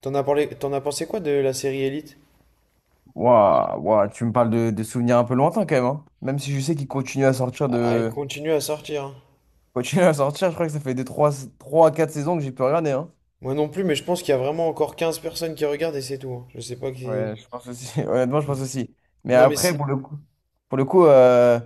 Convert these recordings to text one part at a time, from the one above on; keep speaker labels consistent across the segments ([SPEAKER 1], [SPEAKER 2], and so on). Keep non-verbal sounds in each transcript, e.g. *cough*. [SPEAKER 1] T'en as parlé, t'en as pensé quoi de la série Elite?
[SPEAKER 2] Ouah, ouah, tu me parles de souvenirs un peu lointains quand même, hein. Même si je sais qu'il continue à sortir
[SPEAKER 1] Ah, elle
[SPEAKER 2] de...
[SPEAKER 1] continue à sortir, hein.
[SPEAKER 2] *laughs* Continue à sortir, je crois que ça fait des trois, trois à 4 saisons que j'ai pu regarder, hein.
[SPEAKER 1] Moi non plus, mais je pense qu'il y a vraiment encore 15 personnes qui regardent et c'est tout, hein. Je sais pas qui.
[SPEAKER 2] Ouais, je pense aussi. *laughs* Honnêtement, je pense aussi. Mais
[SPEAKER 1] Non, mais
[SPEAKER 2] après, pour le coup,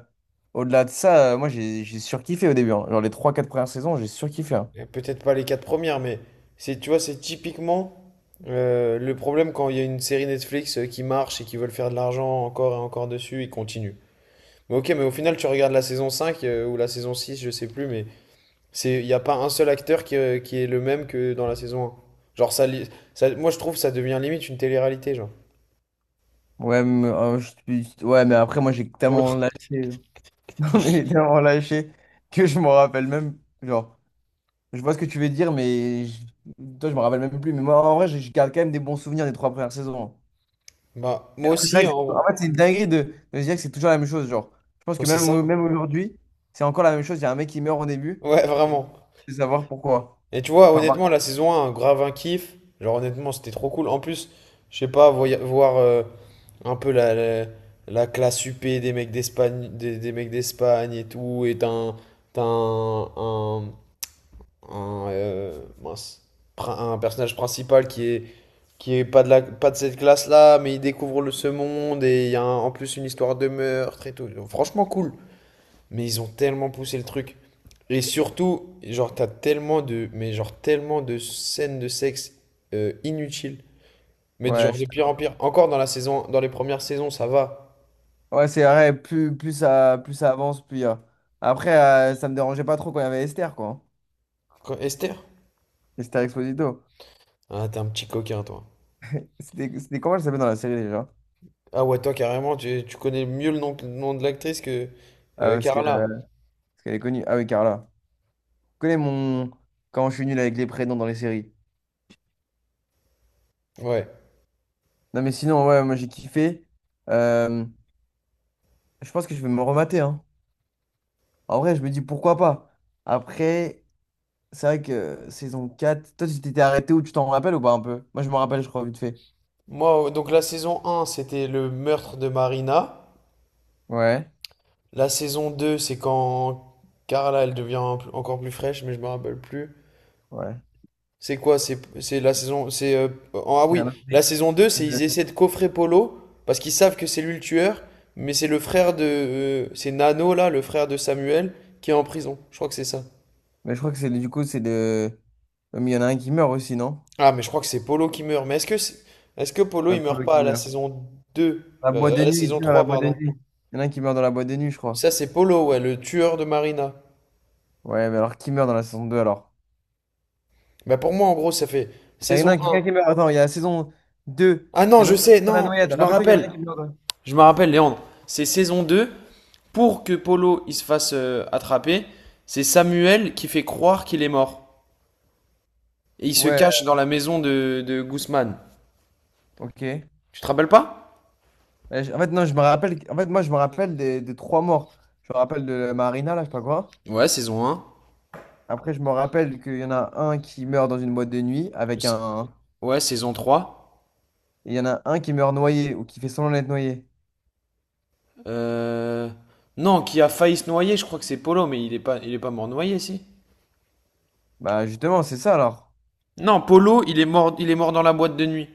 [SPEAKER 2] au-delà de ça, moi j'ai surkiffé au début, hein. Genre les trois quatre premières saisons, j'ai surkiffé, hein.
[SPEAKER 1] peut-être pas les quatre premières, mais c'est, tu vois, c'est typiquement le problème quand il y a une série Netflix qui marche et qui veulent faire de l'argent encore et encore dessus, ils continuent. Mais ok, mais au final, tu regardes la saison 5 ou la saison 6, je sais plus, mais c'est, il n'y a pas un seul acteur qui est le même que dans la saison un. Genre, moi je trouve que ça devient limite une télé-réalité, genre.
[SPEAKER 2] Ouais, mais, ouais, mais après, moi j'ai
[SPEAKER 1] Oula.
[SPEAKER 2] tellement lâché. *laughs* Non, mais j'ai tellement lâché que je m'en rappelle même. Genre. Je vois ce que tu veux dire, mais je... toi, je me rappelle même plus. Mais moi, en vrai, je garde quand même des bons souvenirs des trois premières saisons.
[SPEAKER 1] Bah,
[SPEAKER 2] Mais
[SPEAKER 1] moi
[SPEAKER 2] après, c'est
[SPEAKER 1] aussi,
[SPEAKER 2] vrai
[SPEAKER 1] hein,
[SPEAKER 2] que
[SPEAKER 1] en
[SPEAKER 2] en
[SPEAKER 1] gros.
[SPEAKER 2] fait, c'est une dinguerie de se dire que c'est toujours la même chose. Genre, je pense
[SPEAKER 1] Ouais,
[SPEAKER 2] que
[SPEAKER 1] c'est
[SPEAKER 2] même,
[SPEAKER 1] ça.
[SPEAKER 2] même aujourd'hui, c'est encore la même chose. Il y a un mec qui meurt au début
[SPEAKER 1] Ouais,
[SPEAKER 2] et tu
[SPEAKER 1] vraiment.
[SPEAKER 2] veux savoir pourquoi.
[SPEAKER 1] Et tu vois,
[SPEAKER 2] Enfin, par-
[SPEAKER 1] honnêtement, la saison un grave un kiff. Genre, honnêtement, c'était trop cool. En plus, je sais pas, voir un peu la classe UP des mecs d'Espagne et tout. Et t'as un, un, mince, un personnage principal qui est pas de pas de cette classe-là, mais il découvre ce monde. Et il y a en plus une histoire de meurtre et tout. Franchement, cool. Mais ils ont tellement poussé le truc. Et surtout, genre, t'as tellement de, mais genre, tellement de scènes de sexe inutiles. Mais
[SPEAKER 2] Ouais,
[SPEAKER 1] genre,
[SPEAKER 2] je
[SPEAKER 1] de
[SPEAKER 2] suis
[SPEAKER 1] pire en
[SPEAKER 2] d'accord.
[SPEAKER 1] pire. Encore dans les premières saisons, ça va.
[SPEAKER 2] Ouais, c'est vrai. Plus ça avance, plus il y a- Après, ça me dérangeait pas trop quand il y avait Esther, quoi, hein.
[SPEAKER 1] Esther?
[SPEAKER 2] Esther Exposito.
[SPEAKER 1] Ah, t'es un petit coquin, toi.
[SPEAKER 2] C'était comment elle s'appelait dans la série déjà?
[SPEAKER 1] Ah ouais, toi, carrément, tu connais mieux le nom, de l'actrice que
[SPEAKER 2] Ah, parce que,
[SPEAKER 1] Carla.
[SPEAKER 2] parce qu'elle est connue. Ah oui, Carla. Connais mon... Quand je suis nul avec les prénoms dans les séries.
[SPEAKER 1] Ouais.
[SPEAKER 2] Non, mais sinon, ouais, moi j'ai kiffé. Euh, je pense que je vais me remater, hein. En vrai, je me dis pourquoi pas. Après, c'est vrai que saison 4 toi tu t'étais arrêté où tu t'en rappelles ou pas un peu? Moi je me rappelle, je crois, vite fait.
[SPEAKER 1] Moi, donc la saison un c'était le meurtre de Marina.
[SPEAKER 2] Ouais,
[SPEAKER 1] La saison 2 c'est quand Carla, elle devient encore plus fraîche, mais je me rappelle plus.
[SPEAKER 2] ouais.
[SPEAKER 1] C'est quoi? C'est la saison. C'est Ah
[SPEAKER 2] C'est
[SPEAKER 1] oui,
[SPEAKER 2] un autre
[SPEAKER 1] la
[SPEAKER 2] mec.
[SPEAKER 1] saison 2, c'est ils essaient de coffrer Polo parce qu'ils savent que c'est lui le tueur, mais c'est Nano là, le frère de Samuel qui est en prison. Je crois que c'est ça.
[SPEAKER 2] Mais je crois que c'est du coup, c'est de. Mais il y en a un qui meurt aussi, non?
[SPEAKER 1] Ah mais je crois que c'est Polo qui meurt. Mais est-ce que est-ce que Polo
[SPEAKER 2] Ouais,
[SPEAKER 1] il meurt
[SPEAKER 2] Polo
[SPEAKER 1] pas
[SPEAKER 2] qui
[SPEAKER 1] à la
[SPEAKER 2] meurt.
[SPEAKER 1] saison 2
[SPEAKER 2] La boîte
[SPEAKER 1] à
[SPEAKER 2] de
[SPEAKER 1] la
[SPEAKER 2] nuit, il
[SPEAKER 1] saison
[SPEAKER 2] tue dans la
[SPEAKER 1] 3,
[SPEAKER 2] boîte de
[SPEAKER 1] pardon.
[SPEAKER 2] nuit. Il y en a un qui meurt dans la boîte de nuit, je crois.
[SPEAKER 1] Ça c'est Polo ouais, le tueur de Marina.
[SPEAKER 2] Ouais, mais alors qui meurt dans la saison 2 alors?
[SPEAKER 1] Bah pour moi en gros, ça fait
[SPEAKER 2] Il y en a
[SPEAKER 1] saison
[SPEAKER 2] un- Quelqu'un qui
[SPEAKER 1] un.
[SPEAKER 2] meurt. Attends, il y a la saison deux.
[SPEAKER 1] Ah
[SPEAKER 2] Il
[SPEAKER 1] non,
[SPEAKER 2] y en a
[SPEAKER 1] je
[SPEAKER 2] un qui
[SPEAKER 1] sais,
[SPEAKER 2] meurt dans la
[SPEAKER 1] non,
[SPEAKER 2] noyade.
[SPEAKER 1] je me
[SPEAKER 2] Rappelle-toi qu'il y en a un
[SPEAKER 1] rappelle.
[SPEAKER 2] qui meurt dans...
[SPEAKER 1] Je me rappelle, Léandre, c'est saison deux. Pour que Polo il se fasse attraper, c'est Samuel qui fait croire qu'il est mort. Et il se
[SPEAKER 2] Ouais,
[SPEAKER 1] cache dans la maison de Guzman.
[SPEAKER 2] ok.
[SPEAKER 1] Tu te rappelles pas?
[SPEAKER 2] Ouais, en fait, non, je me rappelle. En fait, moi, je me rappelle des trois morts. Je me rappelle de Marina, là, je sais pas quoi.
[SPEAKER 1] Ouais, saison un.
[SPEAKER 2] Après, je me rappelle qu'il y en a un qui meurt dans une boîte de nuit avec un.
[SPEAKER 1] Ouais, saison trois.
[SPEAKER 2] Et il y en a un qui meurt noyé ou qui fait semblant d'être noyé.
[SPEAKER 1] Euh... Non, qui a failli se noyer, je crois que c'est Polo, mais il est pas mort noyé, si.
[SPEAKER 2] Bah, justement, c'est ça alors.
[SPEAKER 1] Non, Polo, il est mort dans la boîte de nuit.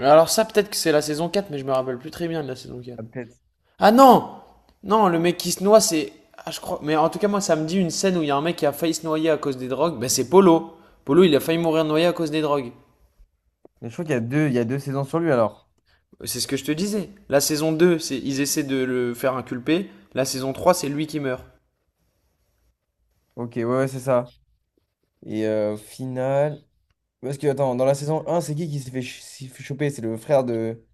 [SPEAKER 1] Alors ça, peut-être que c'est la saison 4, mais je me rappelle plus très bien de la saison quatre.
[SPEAKER 2] Ah, peut-être.
[SPEAKER 1] Ah non! Non, le mec qui se noie, c'est. Ah, je crois. Mais en tout cas, moi, ça me dit une scène où il y a un mec qui a failli se noyer à cause des drogues. Ben, c'est Polo. Polo, il a failli mourir noyé à cause des drogues.
[SPEAKER 2] Mais je crois qu'il y a deux, il y a deux saisons sur lui alors.
[SPEAKER 1] C'est ce que je te disais. La saison deux, c'est ils essaient de le faire inculper. La saison trois c'est lui qui meurt.
[SPEAKER 2] Ok, ouais, ouais, c'est ça. Et au final. Parce que, attends, dans la saison un c'est qui s'est fait choper? C'est le frère de.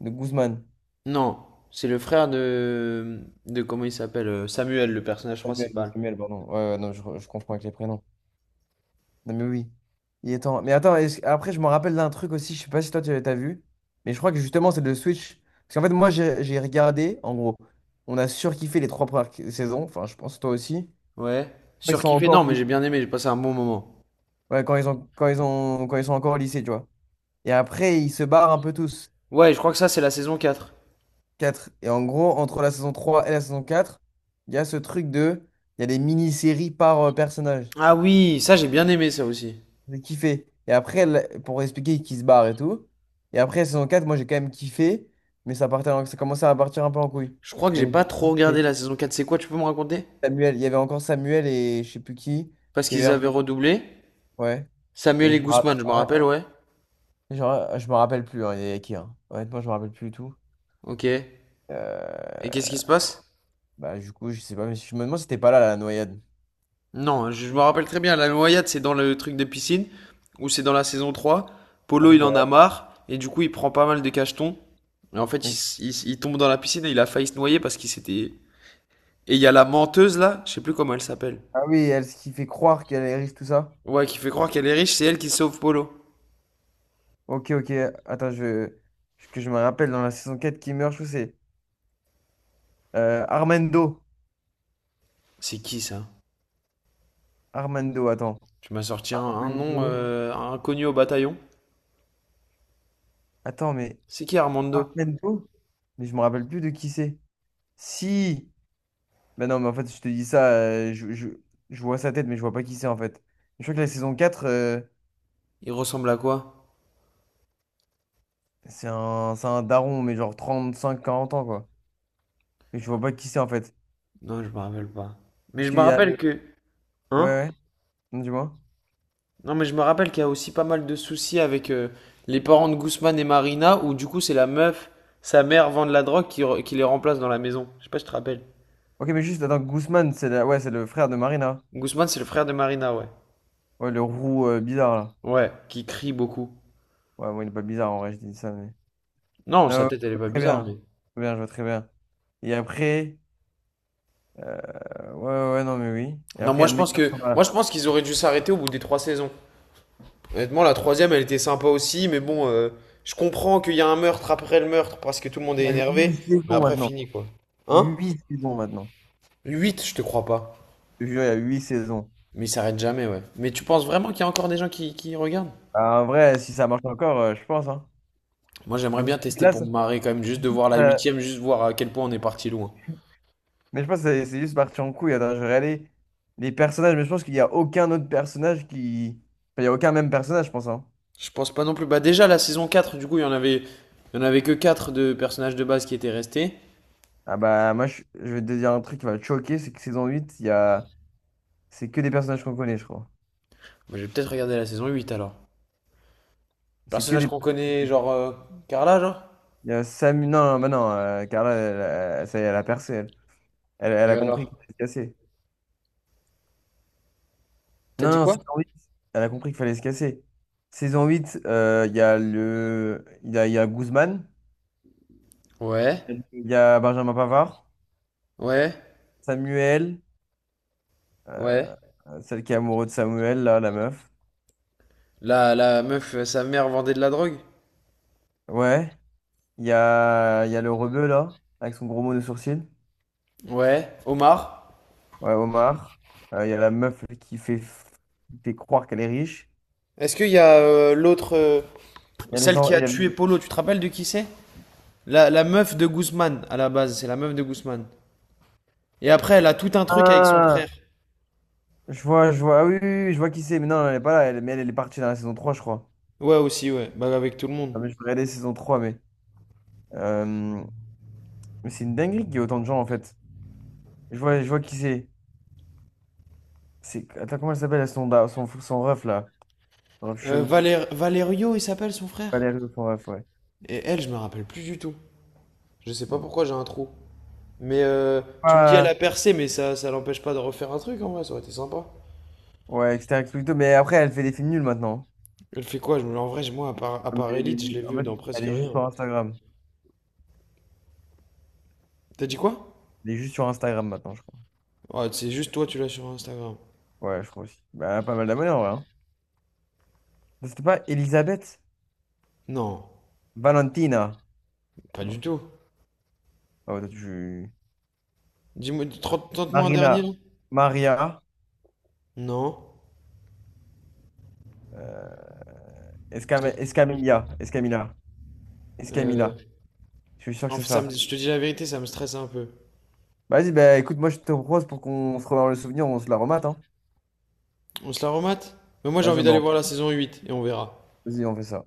[SPEAKER 2] De Guzman.
[SPEAKER 1] Non, c'est le frère de. De comment il s'appelle? Samuel, le personnage
[SPEAKER 2] Samuel, de
[SPEAKER 1] principal.
[SPEAKER 2] Samuel, pardon. Ouais, ouais, non, je confonds avec les prénoms. Non, mais oui. Il est temps. Mais attends, après, je me rappelle d'un truc aussi, je sais pas si toi, tu as vu, mais je crois que justement, c'est le Switch. Parce qu'en fait, moi, j'ai regardé, en gros, on a surkiffé les trois premières saisons, enfin, je pense toi aussi.
[SPEAKER 1] Ouais.
[SPEAKER 2] Ils sont
[SPEAKER 1] Surkiffé? Non,
[SPEAKER 2] encore...
[SPEAKER 1] mais j'ai bien aimé, j'ai passé un bon moment.
[SPEAKER 2] ouais, quand ils sont encore au lycée, tu vois. Et après, ils se barrent un peu tous.
[SPEAKER 1] Ouais, je crois que ça, c'est la saison 4.
[SPEAKER 2] Quatre, et en gros, entre la saison 3 et la saison 4, il y a ce truc de... Il y a des mini-séries par personnage.
[SPEAKER 1] Ah oui, ça, j'ai bien aimé ça aussi.
[SPEAKER 2] J'ai kiffé. Et après, pour expliquer qu'il se barre et tout. Et après, saison 4 moi, j'ai quand même kiffé. Mais ça partait, ça commençait à partir un peu en couille.
[SPEAKER 1] Je crois que
[SPEAKER 2] Mais
[SPEAKER 1] j'ai pas
[SPEAKER 2] j'ai
[SPEAKER 1] trop regardé
[SPEAKER 2] kiffé.
[SPEAKER 1] la saison 4. C'est quoi, tu peux me raconter?
[SPEAKER 2] Samuel, il y avait encore Samuel et je sais plus
[SPEAKER 1] Parce
[SPEAKER 2] qui avait
[SPEAKER 1] qu'ils avaient
[SPEAKER 2] Erdogan.
[SPEAKER 1] redoublé.
[SPEAKER 2] Ouais. Et
[SPEAKER 1] Samuel et
[SPEAKER 2] je me
[SPEAKER 1] Guzman, je me
[SPEAKER 2] rappelle,
[SPEAKER 1] rappelle, ouais.
[SPEAKER 2] genre, je me rappelle plus, hein, il y avait qui, hein. Honnêtement, je me rappelle plus du tout.
[SPEAKER 1] Ok. Et qu'est-ce
[SPEAKER 2] Euh,
[SPEAKER 1] qui se passe?
[SPEAKER 2] Bah, du coup, je sais pas, mais je me demande si t'es pas la noyade.
[SPEAKER 1] Non, je me rappelle très bien. La noyade, c'est dans le truc de piscine, ou c'est dans la saison 3. Polo,
[SPEAKER 2] Attends, je
[SPEAKER 1] il en
[SPEAKER 2] vais
[SPEAKER 1] a marre, et du coup, il prend pas mal de cachetons. Et en fait, il,
[SPEAKER 2] regarder.
[SPEAKER 1] s- il s- il tombe dans la piscine et il a failli se noyer parce qu'il s'était. Et il y a la menteuse là, je sais plus comment elle s'appelle.
[SPEAKER 2] Ah oui, elle, ce qui fait croire qu'elle est riche, tout ça.
[SPEAKER 1] Ouais, qui fait croire qu'elle est riche, c'est elle qui sauve Polo.
[SPEAKER 2] Ok, ok. Attends, je... que je me rappelle dans la saison 4 qui meurt, je trouve, c'est. Armando.
[SPEAKER 1] C'est qui ça?
[SPEAKER 2] Armando, attends.
[SPEAKER 1] Tu m'as sorti un nom
[SPEAKER 2] Armando.
[SPEAKER 1] inconnu au bataillon.
[SPEAKER 2] Attends, mais
[SPEAKER 1] C'est qui Armando?
[SPEAKER 2] Armando? Mais je me rappelle plus de qui c'est. Si! Ben non, mais en fait, je te dis ça, je... je vois sa tête, mais je vois pas qui c'est en fait. Je crois que la saison 4,
[SPEAKER 1] Il ressemble à quoi?
[SPEAKER 2] c'est un daron, mais genre trente, cinq, quarante ans, quoi. Mais je vois pas qui c'est en fait.
[SPEAKER 1] Non, je me rappelle pas. Mais
[SPEAKER 2] Parce
[SPEAKER 1] je me
[SPEAKER 2] qu'il y a
[SPEAKER 1] rappelle
[SPEAKER 2] le.
[SPEAKER 1] que... Hein?
[SPEAKER 2] Ouais, ouais, dis-moi.
[SPEAKER 1] Non, mais je me rappelle qu'il y a aussi pas mal de soucis avec les parents de Guzman et Marina, où du coup c'est la meuf, sa mère vend de la drogue qui les remplace dans la maison. Je sais pas si tu te rappelles.
[SPEAKER 2] Ok, mais juste, attends, Guzman, ouais, c'est le frère de Marina.
[SPEAKER 1] Guzman, c'est le frère de Marina, ouais.
[SPEAKER 2] Ouais, le roux bizarre, là.
[SPEAKER 1] Ouais, qui crie beaucoup.
[SPEAKER 2] Ouais, moi, il est pas bizarre en vrai, je dis ça.
[SPEAKER 1] Non,
[SPEAKER 2] Non,
[SPEAKER 1] sa
[SPEAKER 2] ouais,
[SPEAKER 1] tête,
[SPEAKER 2] je
[SPEAKER 1] elle est pas
[SPEAKER 2] vois très
[SPEAKER 1] bizarre,
[SPEAKER 2] bien.
[SPEAKER 1] mais...
[SPEAKER 2] Très bien, je vois très bien. Et après, ouais, ouais, ouais, non, mais oui. Et
[SPEAKER 1] Non,
[SPEAKER 2] après, il y
[SPEAKER 1] moi
[SPEAKER 2] a
[SPEAKER 1] je
[SPEAKER 2] le mec
[SPEAKER 1] pense
[SPEAKER 2] qui
[SPEAKER 1] que
[SPEAKER 2] ressemble
[SPEAKER 1] moi
[SPEAKER 2] à...
[SPEAKER 1] je pense qu'ils auraient dû s'arrêter au bout des trois saisons. Honnêtement, la troisième, elle était sympa aussi, mais bon, je comprends qu'il y a un meurtre après le meurtre parce que tout le monde
[SPEAKER 2] Il
[SPEAKER 1] est
[SPEAKER 2] y a
[SPEAKER 1] énervé,
[SPEAKER 2] huit
[SPEAKER 1] mais
[SPEAKER 2] saisons
[SPEAKER 1] après
[SPEAKER 2] maintenant.
[SPEAKER 1] fini quoi. Hein?
[SPEAKER 2] Huit saisons maintenant.
[SPEAKER 1] 8, je te crois pas.
[SPEAKER 2] Je te jure, il y a huit saisons.
[SPEAKER 1] Mais il s'arrête jamais, ouais. Mais tu penses vraiment qu'il y a encore des gens qui regardent?
[SPEAKER 2] Ah, en vrai, si ça marche encore, je pense, hein.
[SPEAKER 1] Moi, j'aimerais
[SPEAKER 2] Mais
[SPEAKER 1] bien tester pour me marrer quand même, juste de voir la
[SPEAKER 2] ça-
[SPEAKER 1] huitième, juste voir à quel point on est parti loin.
[SPEAKER 2] mais je pense que c'est juste parti en couille. Attends, je regardais les personnages, mais je pense qu'il n'y a aucun autre personnage qui. Enfin, il n'y a aucun même personnage, je pense, hein.
[SPEAKER 1] Je pense pas non plus. Bah déjà, la saison quatre, du coup, il y en avait que 4 de personnages de base qui étaient restés.
[SPEAKER 2] Ah bah, moi, je vais te dire un truc qui va te choquer, c'est que saison 8 il y a... c'est que des personnages qu'on connaît, je crois.
[SPEAKER 1] Moi, je vais peut-être regarder la saison huit alors.
[SPEAKER 2] C'est que
[SPEAKER 1] Personnage
[SPEAKER 2] des.
[SPEAKER 1] qu'on connaît, genre Carla, genre?
[SPEAKER 2] Il y a Samu. Non, non, bah non, Carla, elle, ça y est, elle a percé. Elle, elle
[SPEAKER 1] Et
[SPEAKER 2] a compris
[SPEAKER 1] alors?
[SPEAKER 2] qu'il fallait se casser.
[SPEAKER 1] T'as
[SPEAKER 2] Non,
[SPEAKER 1] dit
[SPEAKER 2] non,
[SPEAKER 1] quoi?
[SPEAKER 2] saison 8 elle a compris qu'il fallait se casser. Saison 8 il y a Guzman,
[SPEAKER 1] Ouais,
[SPEAKER 2] il y a Benjamin Pavard,
[SPEAKER 1] ouais,
[SPEAKER 2] Samuel,
[SPEAKER 1] ouais.
[SPEAKER 2] euh, celle qui est amoureuse de Samuel, là, la meuf.
[SPEAKER 1] La meuf, sa mère vendait de la drogue?
[SPEAKER 2] Ouais, il y a le rebeu, là, avec son gros mot de sourcil.
[SPEAKER 1] Ouais. Omar?
[SPEAKER 2] Ouais, Omar. Il y a la meuf qui fait croire qu'elle est riche.
[SPEAKER 1] Est-ce qu'il y a l'autre,
[SPEAKER 2] Il y a les,
[SPEAKER 1] celle
[SPEAKER 2] en-
[SPEAKER 1] qui
[SPEAKER 2] il
[SPEAKER 1] a
[SPEAKER 2] y a-
[SPEAKER 1] tué Polo, tu te rappelles de qui c'est? La meuf de Guzman, à la base, c'est la meuf de Guzman. Et après, elle a tout un truc avec son frère.
[SPEAKER 2] Ah, je vois, je vois, ah oui, oui, oui, je vois qui c'est, mais non, elle est pas là, elle, mais elle, elle est partie dans la saison trois je crois.
[SPEAKER 1] Ouais, aussi, ouais. Bah, avec tout le monde.
[SPEAKER 2] Ah, mais je vais regarder saison 3 mais. Euh, mais c'est une dinguerie qu'il y ait autant de gens, en fait. Je vois qui c'est. C'est, attends, comment elle s'appelle, son ref, là? Son ref chelou.
[SPEAKER 1] Valerio, il s'appelle son frère.
[SPEAKER 2] Valérie, son ref, ouais.
[SPEAKER 1] Et elle, je me rappelle plus du tout. Je sais pas
[SPEAKER 2] Mm.
[SPEAKER 1] pourquoi j'ai un trou. Mais tu me dis, elle a
[SPEAKER 2] Ah,
[SPEAKER 1] percé, mais ça l'empêche pas de refaire un truc en vrai, ça aurait été sympa.
[SPEAKER 2] ouais, etc. Explito, mais après, elle fait des films nuls maintenant.
[SPEAKER 1] Elle fait quoi? Je me... En vrai, moi, à
[SPEAKER 2] Ah, mais
[SPEAKER 1] part
[SPEAKER 2] elle est
[SPEAKER 1] Elite, je l'ai
[SPEAKER 2] devenue... En
[SPEAKER 1] vu
[SPEAKER 2] fait,
[SPEAKER 1] dans presque
[SPEAKER 2] elle est juste
[SPEAKER 1] rien.
[SPEAKER 2] sur Instagram.
[SPEAKER 1] T'as dit quoi?
[SPEAKER 2] Elle est juste sur Instagram maintenant, je crois.
[SPEAKER 1] Ouais, c'est juste toi, tu l'as sur Instagram.
[SPEAKER 2] Ouais, je crois aussi. Bah, elle a pas mal d'abonnés, en vrai, hein. C'était pas Elisabeth
[SPEAKER 1] Non,
[SPEAKER 2] Valentina.
[SPEAKER 1] pas du
[SPEAKER 2] Non, je...
[SPEAKER 1] tout.
[SPEAKER 2] ah ouais, toi, tu...
[SPEAKER 1] Dis-moi, tente-moi un dernier
[SPEAKER 2] Marina,
[SPEAKER 1] là.
[SPEAKER 2] Maria,
[SPEAKER 1] Non.
[SPEAKER 2] euh,
[SPEAKER 1] Ça-
[SPEAKER 2] Escamilla, Escamilla,
[SPEAKER 1] euh,
[SPEAKER 2] Escamilla. Je suis sûr que
[SPEAKER 1] En
[SPEAKER 2] c'est
[SPEAKER 1] fait,
[SPEAKER 2] ça.
[SPEAKER 1] je te dis la vérité, ça me stresse un peu.
[SPEAKER 2] Vas-y, bah écoute, moi je te propose pour qu'on se remémore le souvenir, on se la remate, hein.
[SPEAKER 1] On se la remate? Mais moi, j'ai
[SPEAKER 2] Vas-y,
[SPEAKER 1] envie d'aller voir la saison 8 et on verra.
[SPEAKER 2] vas-y, on fait ça.